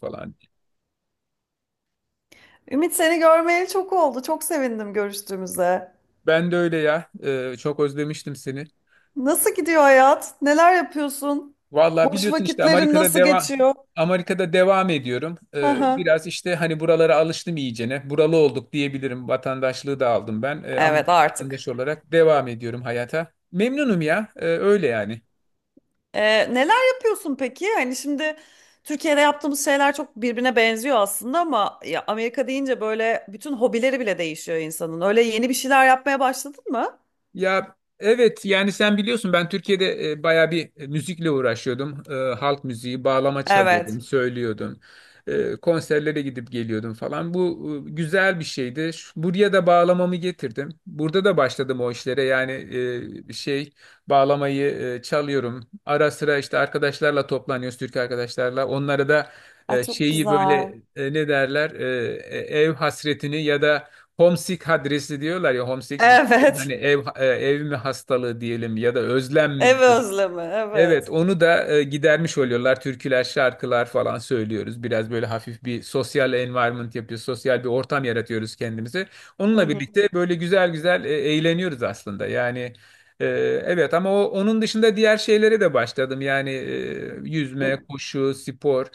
Falan. Ümit seni görmeyeli çok oldu. Çok sevindim görüştüğümüze. Ben de öyle ya. Çok özlemiştim seni. Nasıl gidiyor hayat? Neler yapıyorsun? Vallahi Boş biliyorsun işte vakitlerin Amerika'da nasıl devam. geçiyor? Amerika'da devam ediyorum. Hı hı. Biraz işte hani buralara alıştım iyicene. Buralı olduk diyebilirim. Vatandaşlığı da aldım ben. Ama Evet artık. vatandaş olarak devam ediyorum hayata. Memnunum ya. Öyle yani. Neler yapıyorsun peki? Hani şimdi Türkiye'de yaptığımız şeyler çok birbirine benziyor aslında ama ya Amerika deyince böyle bütün hobileri bile değişiyor insanın. Öyle yeni bir şeyler yapmaya başladın mı? Ya evet yani sen biliyorsun ben Türkiye'de bayağı bir müzikle uğraşıyordum. Halk müziği, bağlama çalıyordum, Evet. söylüyordum. Konserlere gidip geliyordum falan. Bu güzel bir şeydi. Buraya da bağlamamı getirdim. Burada da başladım o işlere. Yani e, şey bağlamayı çalıyorum. Ara sıra işte arkadaşlarla toplanıyoruz, Türk arkadaşlarla. Onlara da Ay çok şeyi böyle, güzel. Ne derler? Ev hasretini ya da homesick, adresi diyorlar ya, homesick. Hani Evet. ev, ev mi hastalığı diyelim ya da özlem Ev mi diyelim. özlemi. Evet, Evet. onu da gidermiş oluyorlar. Türküler, şarkılar falan söylüyoruz. Biraz böyle hafif bir sosyal environment yapıyoruz. Sosyal bir ortam yaratıyoruz kendimize. Hı Onunla hı. birlikte böyle güzel güzel eğleniyoruz aslında. Yani, e, evet ama onun dışında diğer şeylere de başladım. Yani yüzme, koşu, spor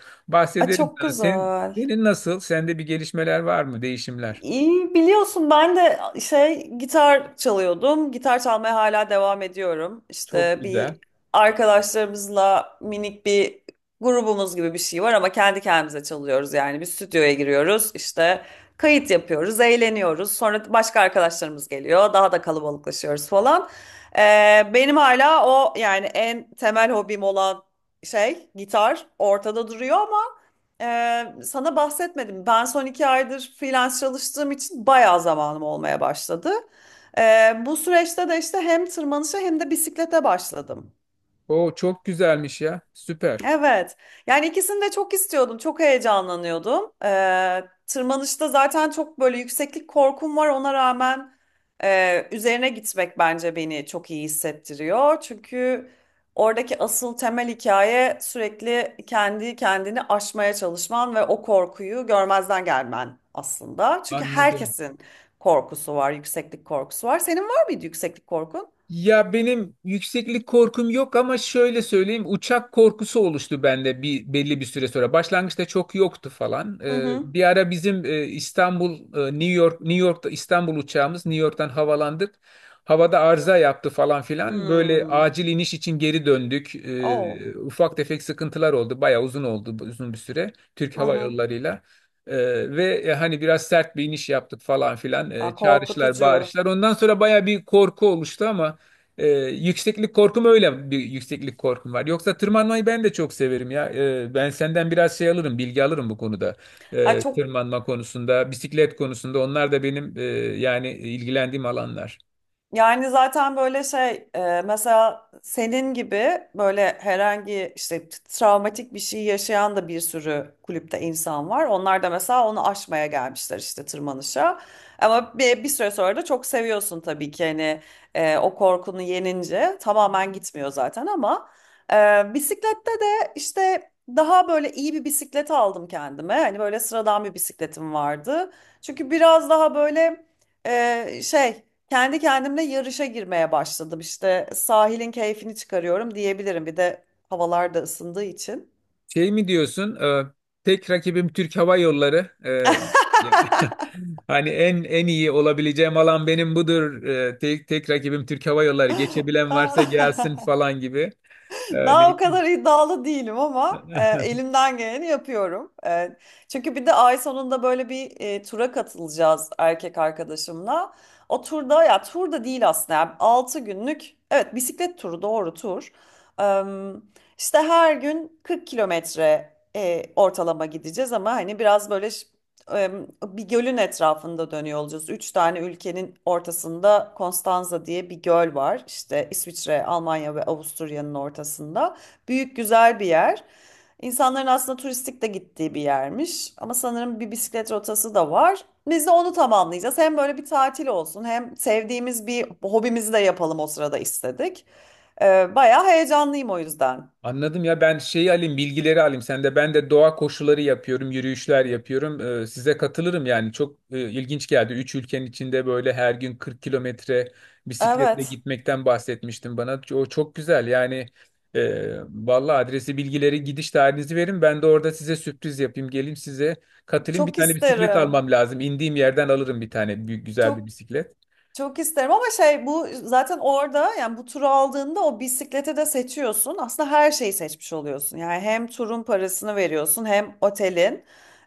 Ay bahsederim çok sana. Senin, güzel. senin nasıl? Sende bir gelişmeler var mı? Değişimler? İyi, biliyorsun ben de şey gitar çalıyordum. Gitar çalmaya hala devam ediyorum. Çok İşte güzel. bir arkadaşlarımızla minik bir grubumuz gibi bir şey var ama kendi kendimize çalıyoruz yani. Bir stüdyoya giriyoruz, işte kayıt yapıyoruz, eğleniyoruz. Sonra başka arkadaşlarımız geliyor, daha da kalabalıklaşıyoruz falan. Benim hala o yani en temel hobim olan şey gitar ortada duruyor ama. Sana bahsetmedim. Ben son iki aydır freelance çalıştığım için bayağı zamanım olmaya başladı. Bu süreçte de işte hem tırmanışa hem de bisiklete başladım. O çok güzelmiş ya. Süper. Evet. Yani ikisini de çok istiyordum. Çok heyecanlanıyordum. Tırmanışta zaten çok böyle yükseklik korkum var. Ona rağmen üzerine gitmek bence beni çok iyi hissettiriyor. Çünkü oradaki asıl temel hikaye sürekli kendi kendini aşmaya çalışman ve o korkuyu görmezden gelmen aslında. Çünkü Ben ne de. herkesin korkusu var, yükseklik korkusu var. Senin var mıydı yükseklik korkun? Ya, benim yükseklik korkum yok ama şöyle söyleyeyim, uçak korkusu oluştu bende bir belli bir süre sonra. Başlangıçta çok yoktu falan. Hı hı. Bir ara bizim İstanbul, New York, New York'ta İstanbul uçağımız New York'tan havalandık. Havada arıza yaptı falan filan. Böyle Hmm. acil iniş için geri döndük. Oh. Ufak tefek sıkıntılar oldu. Bayağı uzun oldu, uzun bir süre Türk Hava Aha. Yolları'yla. Ee, Hani biraz sert bir iniş yaptık falan filan. Aa, Çağrışlar, korkutucu. bağırışlar. Ondan sonra baya bir korku oluştu ama yükseklik korkum, öyle bir yükseklik korkum var. Yoksa tırmanmayı ben de çok severim ya. Ben senden biraz şey alırım, bilgi alırım bu konuda. Ay çok Tırmanma konusunda, bisiklet konusunda onlar da benim, yani ilgilendiğim alanlar. yani zaten böyle şey mesela senin gibi böyle herhangi işte travmatik bir şey yaşayan da bir sürü kulüpte insan var. Onlar da mesela onu aşmaya gelmişler işte tırmanışa. Ama bir süre sonra da çok seviyorsun tabii ki hani o korkunu yenince tamamen gitmiyor zaten ama bisiklette de işte daha böyle iyi bir bisiklet aldım kendime. Hani böyle sıradan bir bisikletim vardı. Çünkü biraz daha böyle e, şey kendi kendimle yarışa girmeye başladım. İşte sahilin keyfini çıkarıyorum diyebilirim. Bir de havalar da ısındığı için. Şey mi diyorsun? Tek rakibim Türk Hava Yolları. Hani en iyi olabileceğim alan benim budur. Tek rakibim Türk Hava Yolları. Geçebilen varsa gelsin falan gibi. Daha Yani o kadar iddialı değilim ama elimden geleni yapıyorum. Çünkü bir de ay sonunda böyle bir tura katılacağız erkek arkadaşımla. O turda ya tur da değil aslında. Yani 6 günlük evet bisiklet turu doğru tur. Em, işte her gün 40 kilometre ortalama gideceğiz ama hani biraz böyle bir gölün etrafında dönüyor olacağız. Üç tane ülkenin ortasında Konstanza diye bir göl var. İşte İsviçre, Almanya ve Avusturya'nın ortasında. Büyük güzel bir yer. İnsanların aslında turistik de gittiği bir yermiş. Ama sanırım bir bisiklet rotası da var. Biz de onu tamamlayacağız. Hem böyle bir tatil olsun hem sevdiğimiz bir hobimizi de yapalım o sırada istedik. Bayağı heyecanlıyım o yüzden. anladım ya, ben şeyi alayım, bilgileri alayım. Sen de, ben de doğa koşuları yapıyorum, yürüyüşler yapıyorum. Size katılırım yani, çok ilginç geldi. Üç ülkenin içinde böyle her gün 40 kilometre bisikletle Evet, gitmekten bahsetmiştim, bana o çok güzel yani. Valla adresi, bilgileri, gidiş tarihinizi verin, ben de orada size sürpriz yapayım, geleyim size, katılayım. Bir çok tane bisiklet isterim. almam lazım, indiğim yerden alırım bir tane büyük güzel bir Çok bisiklet. çok isterim ama şey bu zaten orada yani bu turu aldığında o bisiklete de seçiyorsun. Aslında her şeyi seçmiş oluyorsun. Yani hem turun parasını veriyorsun hem otelin.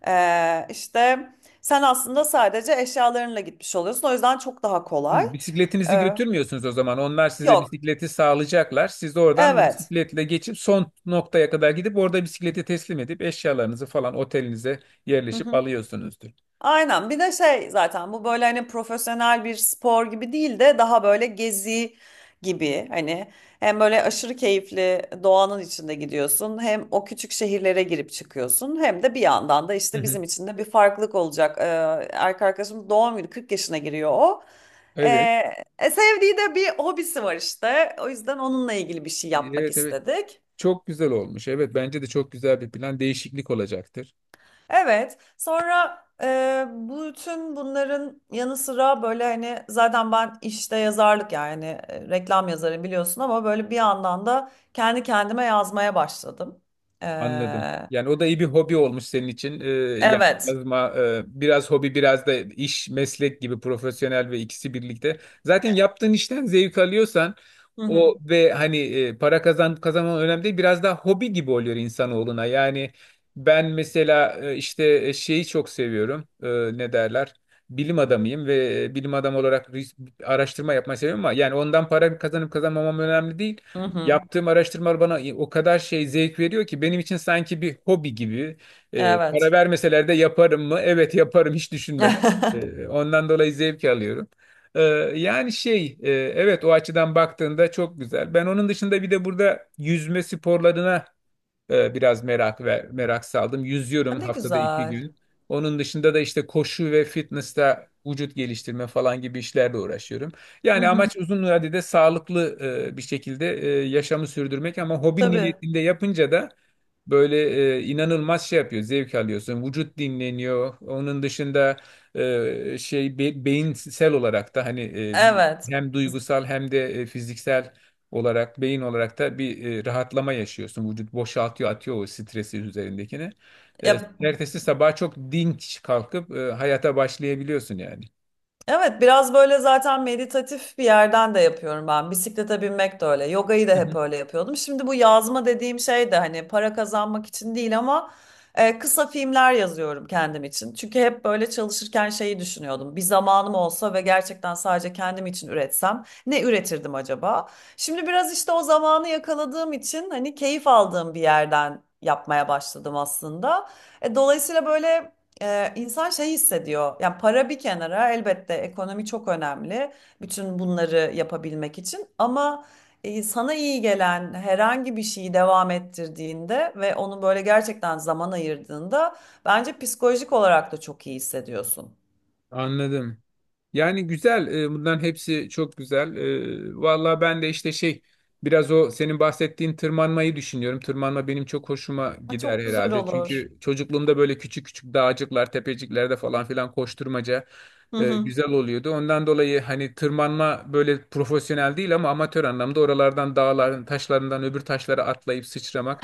İşte sen aslında sadece eşyalarınla gitmiş oluyorsun. O yüzden çok daha kolay. Hı, bisikletinizi Ee, götürmüyorsunuz o zaman. Onlar size yok. bisikleti sağlayacaklar. Siz de oradan o Evet. bisikletle geçip son noktaya kadar gidip orada bisikleti teslim edip eşyalarınızı falan otelinize Hı yerleşip hı. alıyorsunuzdur. Aynen. Bir de şey zaten bu böyle hani profesyonel bir spor gibi değil de daha böyle gezi gibi hani hem böyle aşırı keyifli doğanın içinde gidiyorsun hem o küçük şehirlere girip çıkıyorsun hem de bir yandan da Hı işte hı. bizim için de bir farklılık olacak. Erkek arkadaşımız doğum günü 40 yaşına giriyor o. Ee, Evet. Sevdiği de bir hobisi var işte. O yüzden onunla ilgili bir şey yapmak Evet, evet. istedik. Çok güzel olmuş. Evet, bence de çok güzel bir plan. Değişiklik olacaktır. Evet. Sonra bütün bunların yanı sıra böyle hani zaten ben işte yazarlık yani reklam yazarı biliyorsun ama böyle bir yandan da kendi kendime yazmaya başladım. E, Anladım. Yani o da iyi bir hobi olmuş senin için. Yani evet. yazma biraz hobi, biraz da iş, meslek gibi, profesyonel ve ikisi birlikte. Zaten yaptığın işten zevk alıyorsan Hı hı. o, ve hani, para kazanman önemli değil. Biraz daha hobi gibi oluyor insanoğluna. Yani ben mesela, işte, şeyi çok seviyorum. Ne derler? Bilim adamıyım ve bilim adamı olarak araştırma yapmayı seviyorum ama yani ondan para kazanıp kazanmamam önemli değil. Hı hı. Yaptığım araştırmalar bana o kadar şey zevk veriyor ki, benim için sanki bir hobi gibi. Para Evet. vermeseler de yaparım mı? Evet, yaparım hiç düşünmeden. Ondan dolayı zevk alıyorum. Ee, Yani şey, evet, o açıdan baktığında çok güzel. Ben onun dışında bir de burada yüzme sporlarına biraz merak, merak saldım. Yüzüyorum Ne haftada iki güzel. gün. Onun dışında da işte koşu ve fitness'ta vücut geliştirme falan gibi işlerle uğraşıyorum. Hı Yani hı. amaç uzun vadede sağlıklı, bir şekilde yaşamı sürdürmek, ama hobi Tabii. niyetinde yapınca da böyle inanılmaz şey yapıyor, zevk alıyorsun. Vücut dinleniyor. Onun dışında beyinsel olarak da hani Evet. hem duygusal hem de fiziksel olarak, beyin olarak da bir rahatlama yaşıyorsun. Vücut boşaltıyor, atıyor o stresi üzerindekini. E, Ya Ertesi sabah çok dinç kalkıp hayata başlayabiliyorsun yani. evet, biraz böyle zaten meditatif bir yerden de yapıyorum ben. Bisiklete binmek de öyle. Yogayı da hep öyle yapıyordum. Şimdi bu yazma dediğim şey de hani para kazanmak için değil ama kısa filmler yazıyorum kendim için. Çünkü hep böyle çalışırken şeyi düşünüyordum. Bir zamanım olsa ve gerçekten sadece kendim için üretsem ne üretirdim acaba? Şimdi biraz işte o zamanı yakaladığım için hani keyif aldığım bir yerden yapmaya başladım aslında. Dolayısıyla böyle insan şey hissediyor. Yani para bir kenara elbette ekonomi çok önemli. Bütün bunları yapabilmek için ama sana iyi gelen herhangi bir şeyi devam ettirdiğinde ve onu böyle gerçekten zaman ayırdığında bence psikolojik olarak da çok iyi hissediyorsun. Anladım. Yani güzel. Bunların hepsi çok güzel. Vallahi ben de işte şey, biraz o senin bahsettiğin tırmanmayı düşünüyorum. Tırmanma benim çok hoşuma Ha, gider çok güzel herhalde. olur. Çünkü çocukluğumda böyle küçük küçük dağcıklar, tepeciklerde falan filan koşturmaca Hı hı. güzel oluyordu. Ondan dolayı hani tırmanma böyle profesyonel değil ama amatör anlamda oralardan dağların taşlarından öbür taşlara atlayıp sıçramak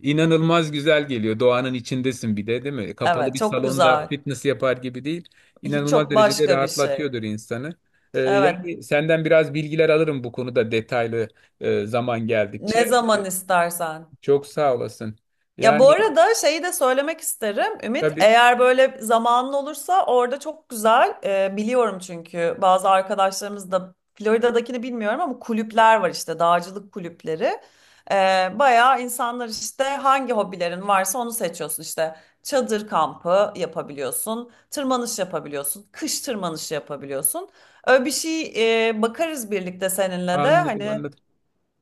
inanılmaz güzel geliyor. Doğanın içindesin bir de, değil mi? Kapalı Evet, bir çok salonda güzel. fitness yapar gibi değil, inanılmaz Çok derecede başka bir şey. rahatlatıyordur insanı. Evet, Yani senden biraz bilgiler alırım bu konuda, detaylı zaman ne geldikçe. zaman istersen. Çok sağ olasın. Ya bu Yani arada şeyi de söylemek isterim Ümit. tabii, Eğer böyle zamanın olursa orada çok güzel biliyorum çünkü bazı arkadaşlarımız da Florida'dakini bilmiyorum ama kulüpler var işte dağcılık kulüpleri. Bayağı insanlar işte hangi hobilerin varsa onu seçiyorsun işte. Çadır kampı yapabiliyorsun, tırmanış yapabiliyorsun, kış tırmanışı yapabiliyorsun. Öyle bir şey bakarız birlikte seninle de anladım hani anladım.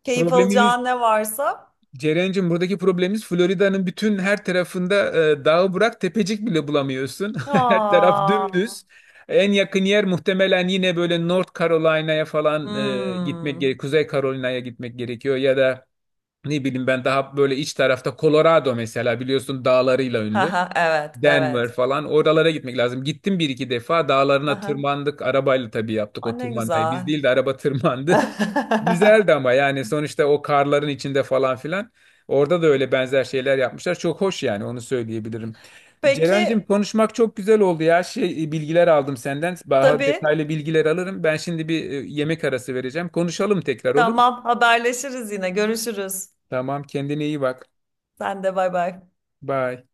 keyif Problemimiz, alacağın ne varsa. Ceren'cim, buradaki problemimiz Florida'nın bütün her tarafında dağı bırak, tepecik bile bulamıyorsun. Her taraf Aa. dümdüz. En yakın yer muhtemelen yine böyle North Carolina'ya falan gitmek gerekiyor. Hmm. Kuzey Carolina'ya gitmek gerekiyor, ya da ne bileyim, ben daha böyle iç tarafta Colorado mesela, biliyorsun dağlarıyla ünlü. Haha, evet, Denver evet. falan, oralara gitmek lazım. Gittim bir iki defa, dağlarına Haha. tırmandık. Arabayla tabii yaptık Aa, o ne tırmanmayı. Biz güzel. değil de araba tırmandı. Güzeldi ama yani sonuçta, o karların içinde falan filan. Orada da öyle benzer şeyler yapmışlar. Çok hoş yani, onu söyleyebilirim. Ceren'cim Peki, konuşmak çok güzel oldu ya. Şey, bilgiler aldım senden. Daha tabii. detaylı bilgiler alırım. Ben şimdi bir yemek arası vereceğim. Konuşalım tekrar, olur mu? Tamam, haberleşiriz yine. Görüşürüz. Tamam, kendine iyi bak. Sen de bay bay. Bye.